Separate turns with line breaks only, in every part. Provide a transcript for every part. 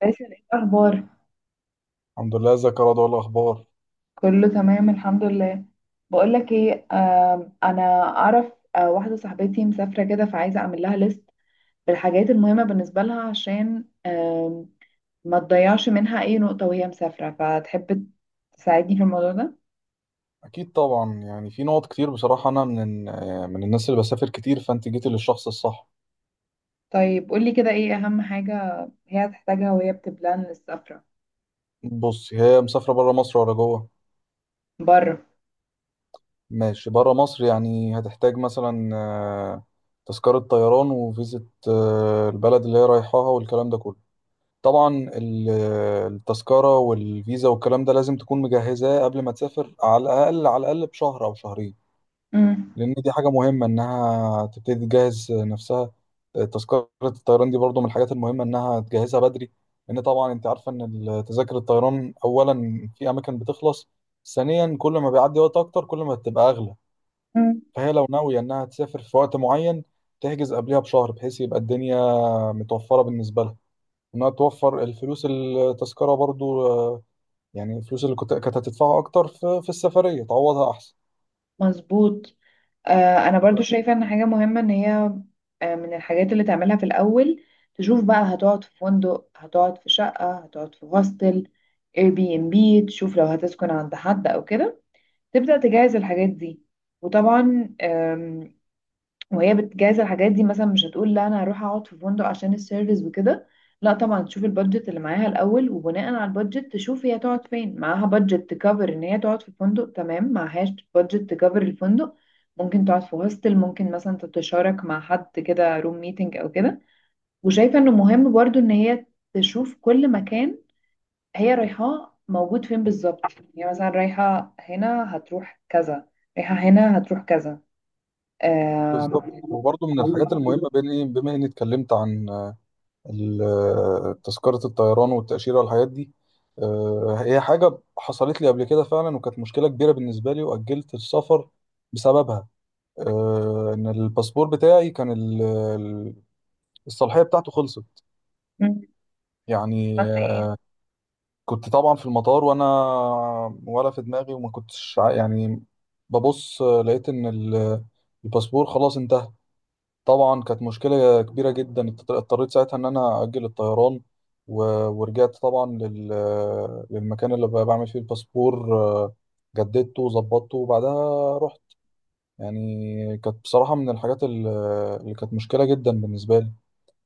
باسل، ايه الاخبار؟
الحمد لله، ازيك يا رضوى؟ إيه الاخبار؟
كله تمام الحمد لله. بقول لك ايه، انا اعرف. واحده صاحبتي مسافره كده، فعايزه اعمل لها ليست بالحاجات المهمه بالنسبه لها، عشان ما تضيعش منها اي نقطه وهي مسافره، فتحب تساعدني في الموضوع ده.
اكيد طبعا. يعني في نقط كتير بصراحه، انا من الناس اللي بسافر كتير، فانت جيتي للشخص الصح.
طيب قولي كده، ايه اهم حاجه هي هتحتاجها وهي بتبلان السفره؟
بص، هي مسافره بره مصر ولا جوه؟
بره.
ماشي، بره مصر. يعني هتحتاج مثلا تذكره طيران وفيزه البلد اللي هي رايحاها والكلام ده كله. طبعا التذكره والفيزا والكلام ده لازم تكون مجهزاه قبل ما تسافر على الاقل، على الاقل بشهر او شهرين.
امم.
لان دي حاجه مهمه انها تبتدي تجهز نفسها. تذكره الطيران دي برضو من الحاجات المهمه انها تجهزها بدري، لان طبعا انت عارفه ان تذاكر الطيران، اولا في اماكن بتخلص، ثانيا كل ما بيعدي وقت اكتر كل ما بتبقى اغلى. فهي لو ناويه انها تسافر في وقت معين تحجز قبلها بشهر، بحيث يبقى الدنيا متوفره بالنسبه لها. انها توفر الفلوس، التذكره برضو، يعني الفلوس اللي كانت هتدفعها اكتر في السفريه تعوضها احسن.
مظبوط. آه، انا برضو شايفة ان حاجة مهمة، ان هي من الحاجات اللي تعملها في الاول تشوف بقى هتقعد في فندق، هتقعد في شقة، هتقعد في هوستل، اير بي ام بي. تشوف لو هتسكن عند حد او كده، تبدأ تجهز الحاجات دي. وطبعا وهي بتجهز الحاجات دي، مثلا مش هتقول لا انا هروح اقعد في فندق عشان السيرفيس وكده. لا طبعا تشوف البادجت اللي معاها الاول، وبناء على البادجت تشوف هي تقعد فين. معاها بادجت تكفر ان هي تقعد في فندق، تمام. معهاش بادجت تكفر الفندق، ممكن تقعد في هوستل، ممكن مثلا تتشارك مع حد كده روم ميتنج او كده. وشايفه انه مهم برضو ان هي تشوف كل مكان هي رايحاه موجود فين بالظبط. يعني مثلا رايحه هنا هتروح كذا، رايحه هنا هتروح كذا.
بالظبط. وبرضه من
آم،
الحاجات المهمة، بين إيه، بما إني اتكلمت عن تذكرة الطيران والتأشيرة والحاجات دي، هي حاجة حصلت لي قبل كده فعلا وكانت مشكلة كبيرة بالنسبة لي وأجلت السفر بسببها. إن الباسبور بتاعي كان الصلاحية بتاعته خلصت.
مم.
يعني
عملت ايه؟
كنت طبعا في المطار وأنا ولا في دماغي، وما كنتش يعني ببص، لقيت إن الباسبور خلاص انتهى. طبعا كانت مشكلة كبيرة جدا، اضطريت ساعتها ان انا اجل الطيران، و... ورجعت طبعا للمكان اللي بعمل فيه الباسبور، جددته وظبطته وبعدها رحت. يعني كانت بصراحة من الحاجات اللي كانت مشكلة جدا بالنسبة لي.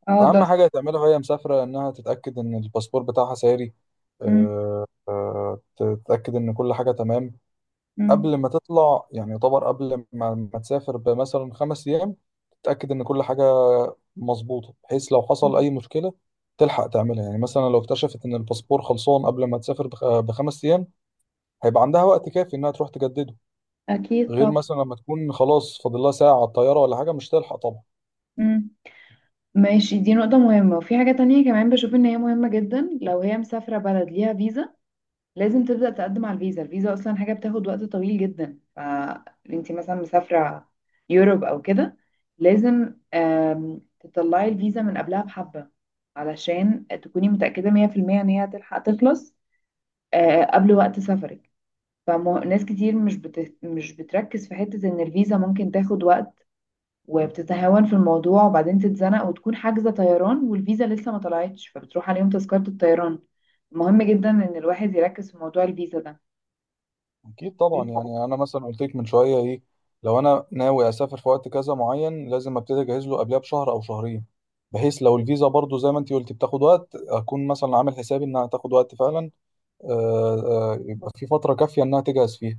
اه ده
اهم حاجة
صراحة.
تعملها وهي مسافرة انها تتأكد ان الباسبور بتاعها ساري،
مم.
تتأكد ان كل حاجة تمام
مم.
قبل ما تطلع. يعني يعتبر قبل ما تسافر بمثلا خمس أيام، تتأكد إن كل حاجة مظبوطة، بحيث لو
مم.
حصل أي مشكلة تلحق تعملها. يعني مثلا لو اكتشفت إن الباسبور خلصان قبل ما تسافر بـ5 أيام، هيبقى عندها وقت كافي إنها تروح تجدده.
اكيد
غير
طبعا.
مثلا لما تكون خلاص فاضل لها ساعة على الطيارة ولا حاجة، مش تلحق طبعا.
مم. ماشي، دي نقطة مهمة. وفي حاجة تانية كمان بشوف ان هي مهمة جدا، لو هي مسافرة بلد ليها فيزا، لازم تبدأ تقدم على الفيزا. الفيزا اصلا حاجة بتاخد وقت طويل جدا، فانتي مثلا مسافرة يوروب او كده، لازم تطلعي الفيزا من قبلها بحبة، علشان تكوني متأكدة 100% ان هي هتلحق تخلص قبل وقت سفرك. فناس كتير مش بتركز في حتة ان الفيزا ممكن تاخد وقت، وبتتهاون في الموضوع، وبعدين تتزنق وتكون حاجزة طيران والفيزا لسه ما طلعتش، فبتروح عليهم تذكرة الطيران. مهم جدا ان الواحد يركز في موضوع الفيزا ده.
اكيد طبعا. يعني انا مثلا قلت لك من شويه ايه، لو انا ناوي اسافر في وقت كذا معين، لازم ابتدي اجهز له قبلها بشهر او شهرين، بحيث لو الفيزا برضو زي ما انت قلت بتاخد وقت، اكون مثلا عامل حسابي انها تاخد وقت فعلا، يبقى في فتره كافيه انها تجهز فيها.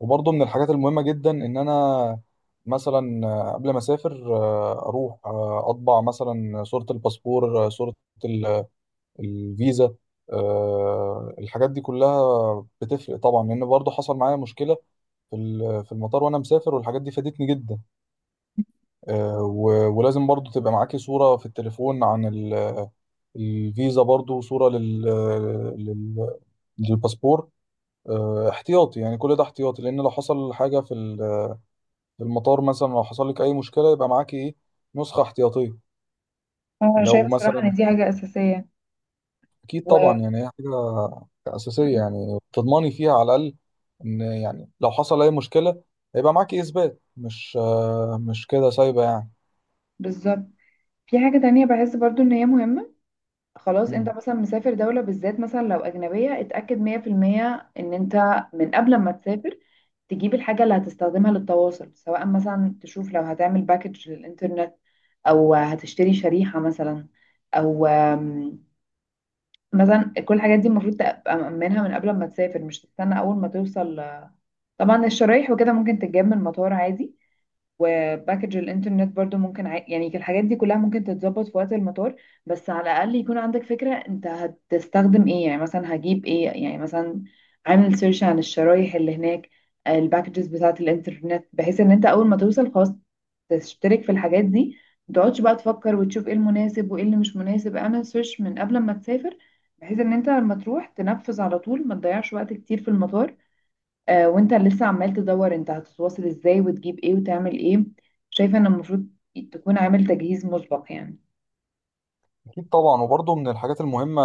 وبرضو من الحاجات المهمه جدا ان انا مثلا قبل ما اسافر اروح اطبع مثلا صوره الباسبور، صوره ال- الفيزا. الحاجات دي كلها بتفرق طبعا، لان برضو حصل معايا مشكله في المطار وانا مسافر، والحاجات دي فادتني جدا. ولازم برضو تبقى معاكي صورة في التليفون عن الفيزا، برضو صورة لل لل- للباسبور، احتياطي. يعني كل ده احتياطي، لان لو حصل حاجة في المطار، مثلا لو حصل لك اي مشكلة يبقى معاكي ايه، نسخة احتياطية.
انا
لو
شايفة صراحة ان
مثلا
دي حاجة اساسية.
اكيد طبعا. يعني هي حاجة أساسية، يعني تضمني فيها على الأقل، ان يعني لو حصل اي مشكلة هيبقى معاكي اثبات، مش مش كده سايبة يعني.
وبالظبط، في حاجة تانية بحس برضو ان هي مهمة. خلاص، انت
مم.
مثلا مسافر دولة بالذات، مثلا لو اجنبية، اتأكد 100% ان انت من قبل ما تسافر تجيب الحاجة اللي هتستخدمها للتواصل، سواء مثلا تشوف لو هتعمل باكج للإنترنت، أو هتشتري شريحة مثلا، أو مثلا كل الحاجات دي المفروض تبقى مأمنها من قبل ما تسافر، مش تستنى أول ما توصل. طبعا الشرايح وكده ممكن تتجاب من المطار عادي، وباكج الانترنت برضو ممكن يعني الحاجات دي كلها ممكن تتظبط في وقت المطار. بس على الاقل يكون عندك فكرة انت هتستخدم ايه. يعني مثلا هجيب ايه، يعني مثلا عامل سيرش عن الشرايح اللي هناك، الباكجز بتاعة الانترنت، بحيث ان انت اول ما توصل خلاص تشترك في الحاجات دي. ما تقعدش بقى تفكر وتشوف ايه المناسب وايه اللي مش مناسب، اعمل سيرش من قبل ما تسافر، بحيث ان انت لما تروح تنفذ على طول، ما تضيعش وقت كتير في المطار وانت لسه عمال تدور انت هتتواصل ازاي وتجيب ايه وتعمل ايه. شايفة ان المفروض تكون عامل تجهيز مسبق يعني.
اكيد طبعا. وبرضه من الحاجات المهمه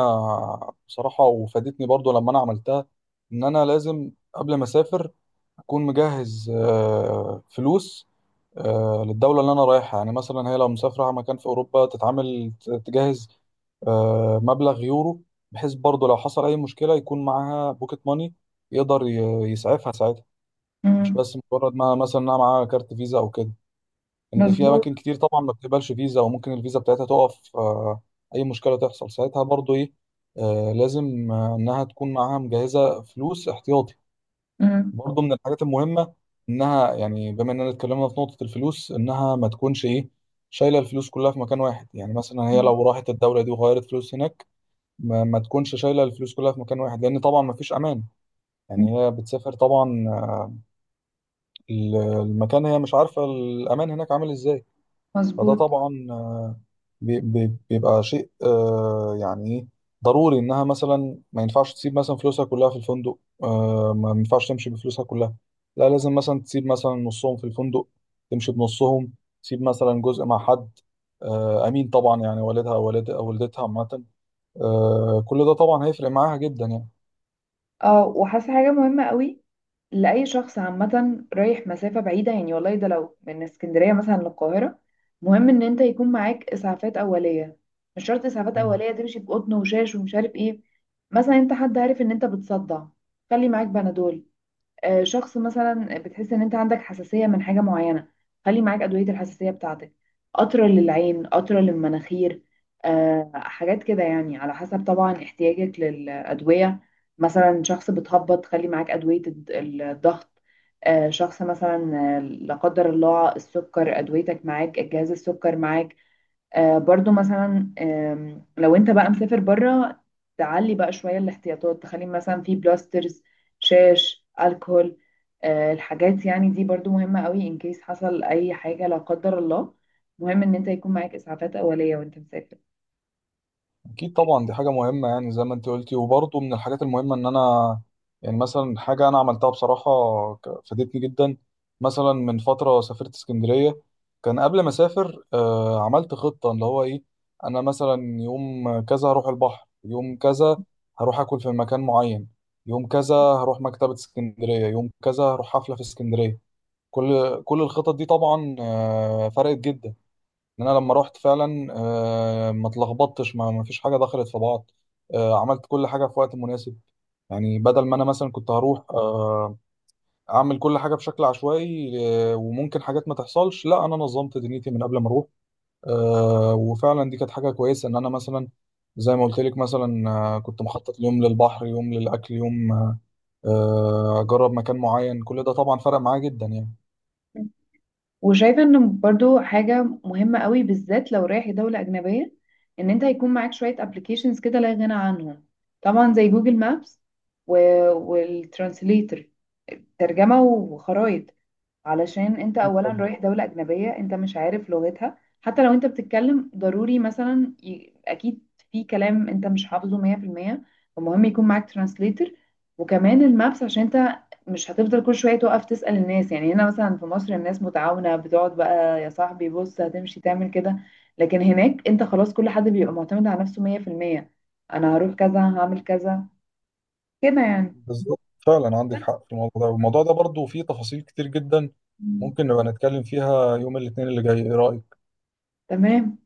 بصراحه، وفادتني برضه لما انا عملتها، ان انا لازم قبل ما اسافر اكون مجهز فلوس للدوله اللي انا رايحها. يعني مثلا هي لو مسافره مكان في اوروبا تتعامل تجهز مبلغ يورو، بحيث برضه لو حصل اي مشكله يكون معاها بوكيت ماني يقدر يسعفها ساعتها، مش
مم.
بس مجرد ما مثلا انها معاها كارت فيزا او كده. ان في
مظبوط.
اماكن كتير طبعا ما بتقبلش فيزا، وممكن الفيزا بتاعتها تقف، اي مشكله تحصل ساعتها برضو، ايه، لازم انها تكون معاها مجهزه فلوس احتياطي.
مم.
برضو من الحاجات المهمه انها، يعني بما اننا اتكلمنا في نقطه الفلوس، انها ما تكونش ايه، شايله الفلوس كلها في مكان واحد. يعني مثلا هي
مم.
لو راحت الدوله دي وغيرت فلوس هناك، ما تكونش شايله الفلوس كلها في مكان واحد، لان طبعا ما فيش امان.
مم.
يعني هي بتسافر طبعا، ال- المكان هي مش عارفه الامان هناك عامل ازاي. فده
مظبوط.
طبعا بيبقى شيء آه يعني إيه، ضروري. انها مثلا ما ينفعش تسيب مثلا فلوسها كلها في الفندق، ما ينفعش تمشي بفلوسها كلها، لا لازم مثلا تسيب مثلا نصهم في الفندق، تمشي بنصهم، تسيب مثلا جزء مع حد امين، طبعا، يعني والدها او والدتها عامه. كل ده طبعا هيفرق معاها جدا
اه، وحاسة حاجة مهمة قوي لأي شخص عامة رايح مسافة بعيدة. يعني والله ده لو من اسكندرية مثلا للقاهرة، مهم ان انت يكون معاك اسعافات أولية. مش شرط اسعافات
يعني.
أولية تمشي بقطن وشاش ومش عارف ايه. مثلا انت حد عارف ان انت بتصدع، خلي معاك بنادول. شخص مثلا بتحس ان انت عندك حساسية من حاجة معينة، خلي معاك أدوية الحساسية بتاعتك، قطرة للعين، قطرة للمناخير. حاجات كده يعني، على حسب طبعا احتياجك للأدوية. مثلا شخص بتهبط، خلي معاك أدوية الضغط. شخص مثلا لا قدر الله السكر، أدويتك معاك، جهاز السكر معاك. آه برضو مثلا لو انت بقى مسافر بره، تعلي بقى شوية الاحتياطات، تخلي مثلا في بلاسترز، شاش، الكحول. آه الحاجات يعني دي برضو مهمة قوي، ان كيس حصل اي حاجة لا قدر الله، مهم ان انت يكون معاك اسعافات اولية وانت مسافر.
اكيد طبعا، دي حاجه مهمه. يعني زي ما انت قلتي. وبرضه من الحاجات المهمه ان انا، يعني مثلا، حاجه انا عملتها بصراحه فادتني جدا. مثلا من فتره سافرت اسكندريه، كان قبل ما اسافر عملت خطه اللي هو ايه، انا مثلا يوم كذا هروح البحر، يوم كذا هروح اكل في مكان معين، يوم كذا هروح مكتبه اسكندريه، يوم كذا هروح حفله في اسكندريه. كل الخطط دي طبعا فرقت جدا، ان انا لما رحت فعلا ما اتلخبطتش، ما فيش حاجه دخلت في بعض. عملت كل حاجه في وقت مناسب، يعني بدل ما انا مثلا كنت هروح اعمل كل حاجه بشكل عشوائي، وممكن حاجات ما تحصلش، لا انا نظمت دنيتي من قبل ما اروح. وفعلا دي كانت حاجه كويسه، ان انا مثلا زي ما قلت لك مثلا كنت مخطط يوم للبحر، يوم للاكل، يوم اجرب مكان معين. كل ده طبعا فرق معايا جدا يعني.
وشايفة ان برضو حاجة مهمة قوي، بالذات لو رايح دولة اجنبية، ان انت هيكون معاك شوية ابلكيشنز كده لا غنى عنهم. طبعا زي جوجل مابس والترانسليتر، ترجمة وخرائط. علشان انت اولا رايح دولة اجنبية انت مش عارف لغتها، حتى لو انت بتتكلم، ضروري مثلا اكيد في كلام انت مش حافظه 100%. فمهم يكون معاك ترانسليتر، وكمان المابس، عشان انت مش هتفضل كل شوية توقف تسأل الناس. يعني هنا مثلا في مصر الناس متعاونة، بتقعد بقى يا صاحبي بص هتمشي تعمل كده. لكن هناك انت خلاص كل حد بيبقى معتمد على نفسه 100%. انا هروح كذا، هعمل كذا، كده يعني.
بالظبط، فعلا عندك حق في الموضوع ده، والموضوع ده برضو فيه تفاصيل كتير جدا. ممكن نبقى نتكلم فيها يوم الاثنين اللي جاي. ايه رأيك؟
تمام.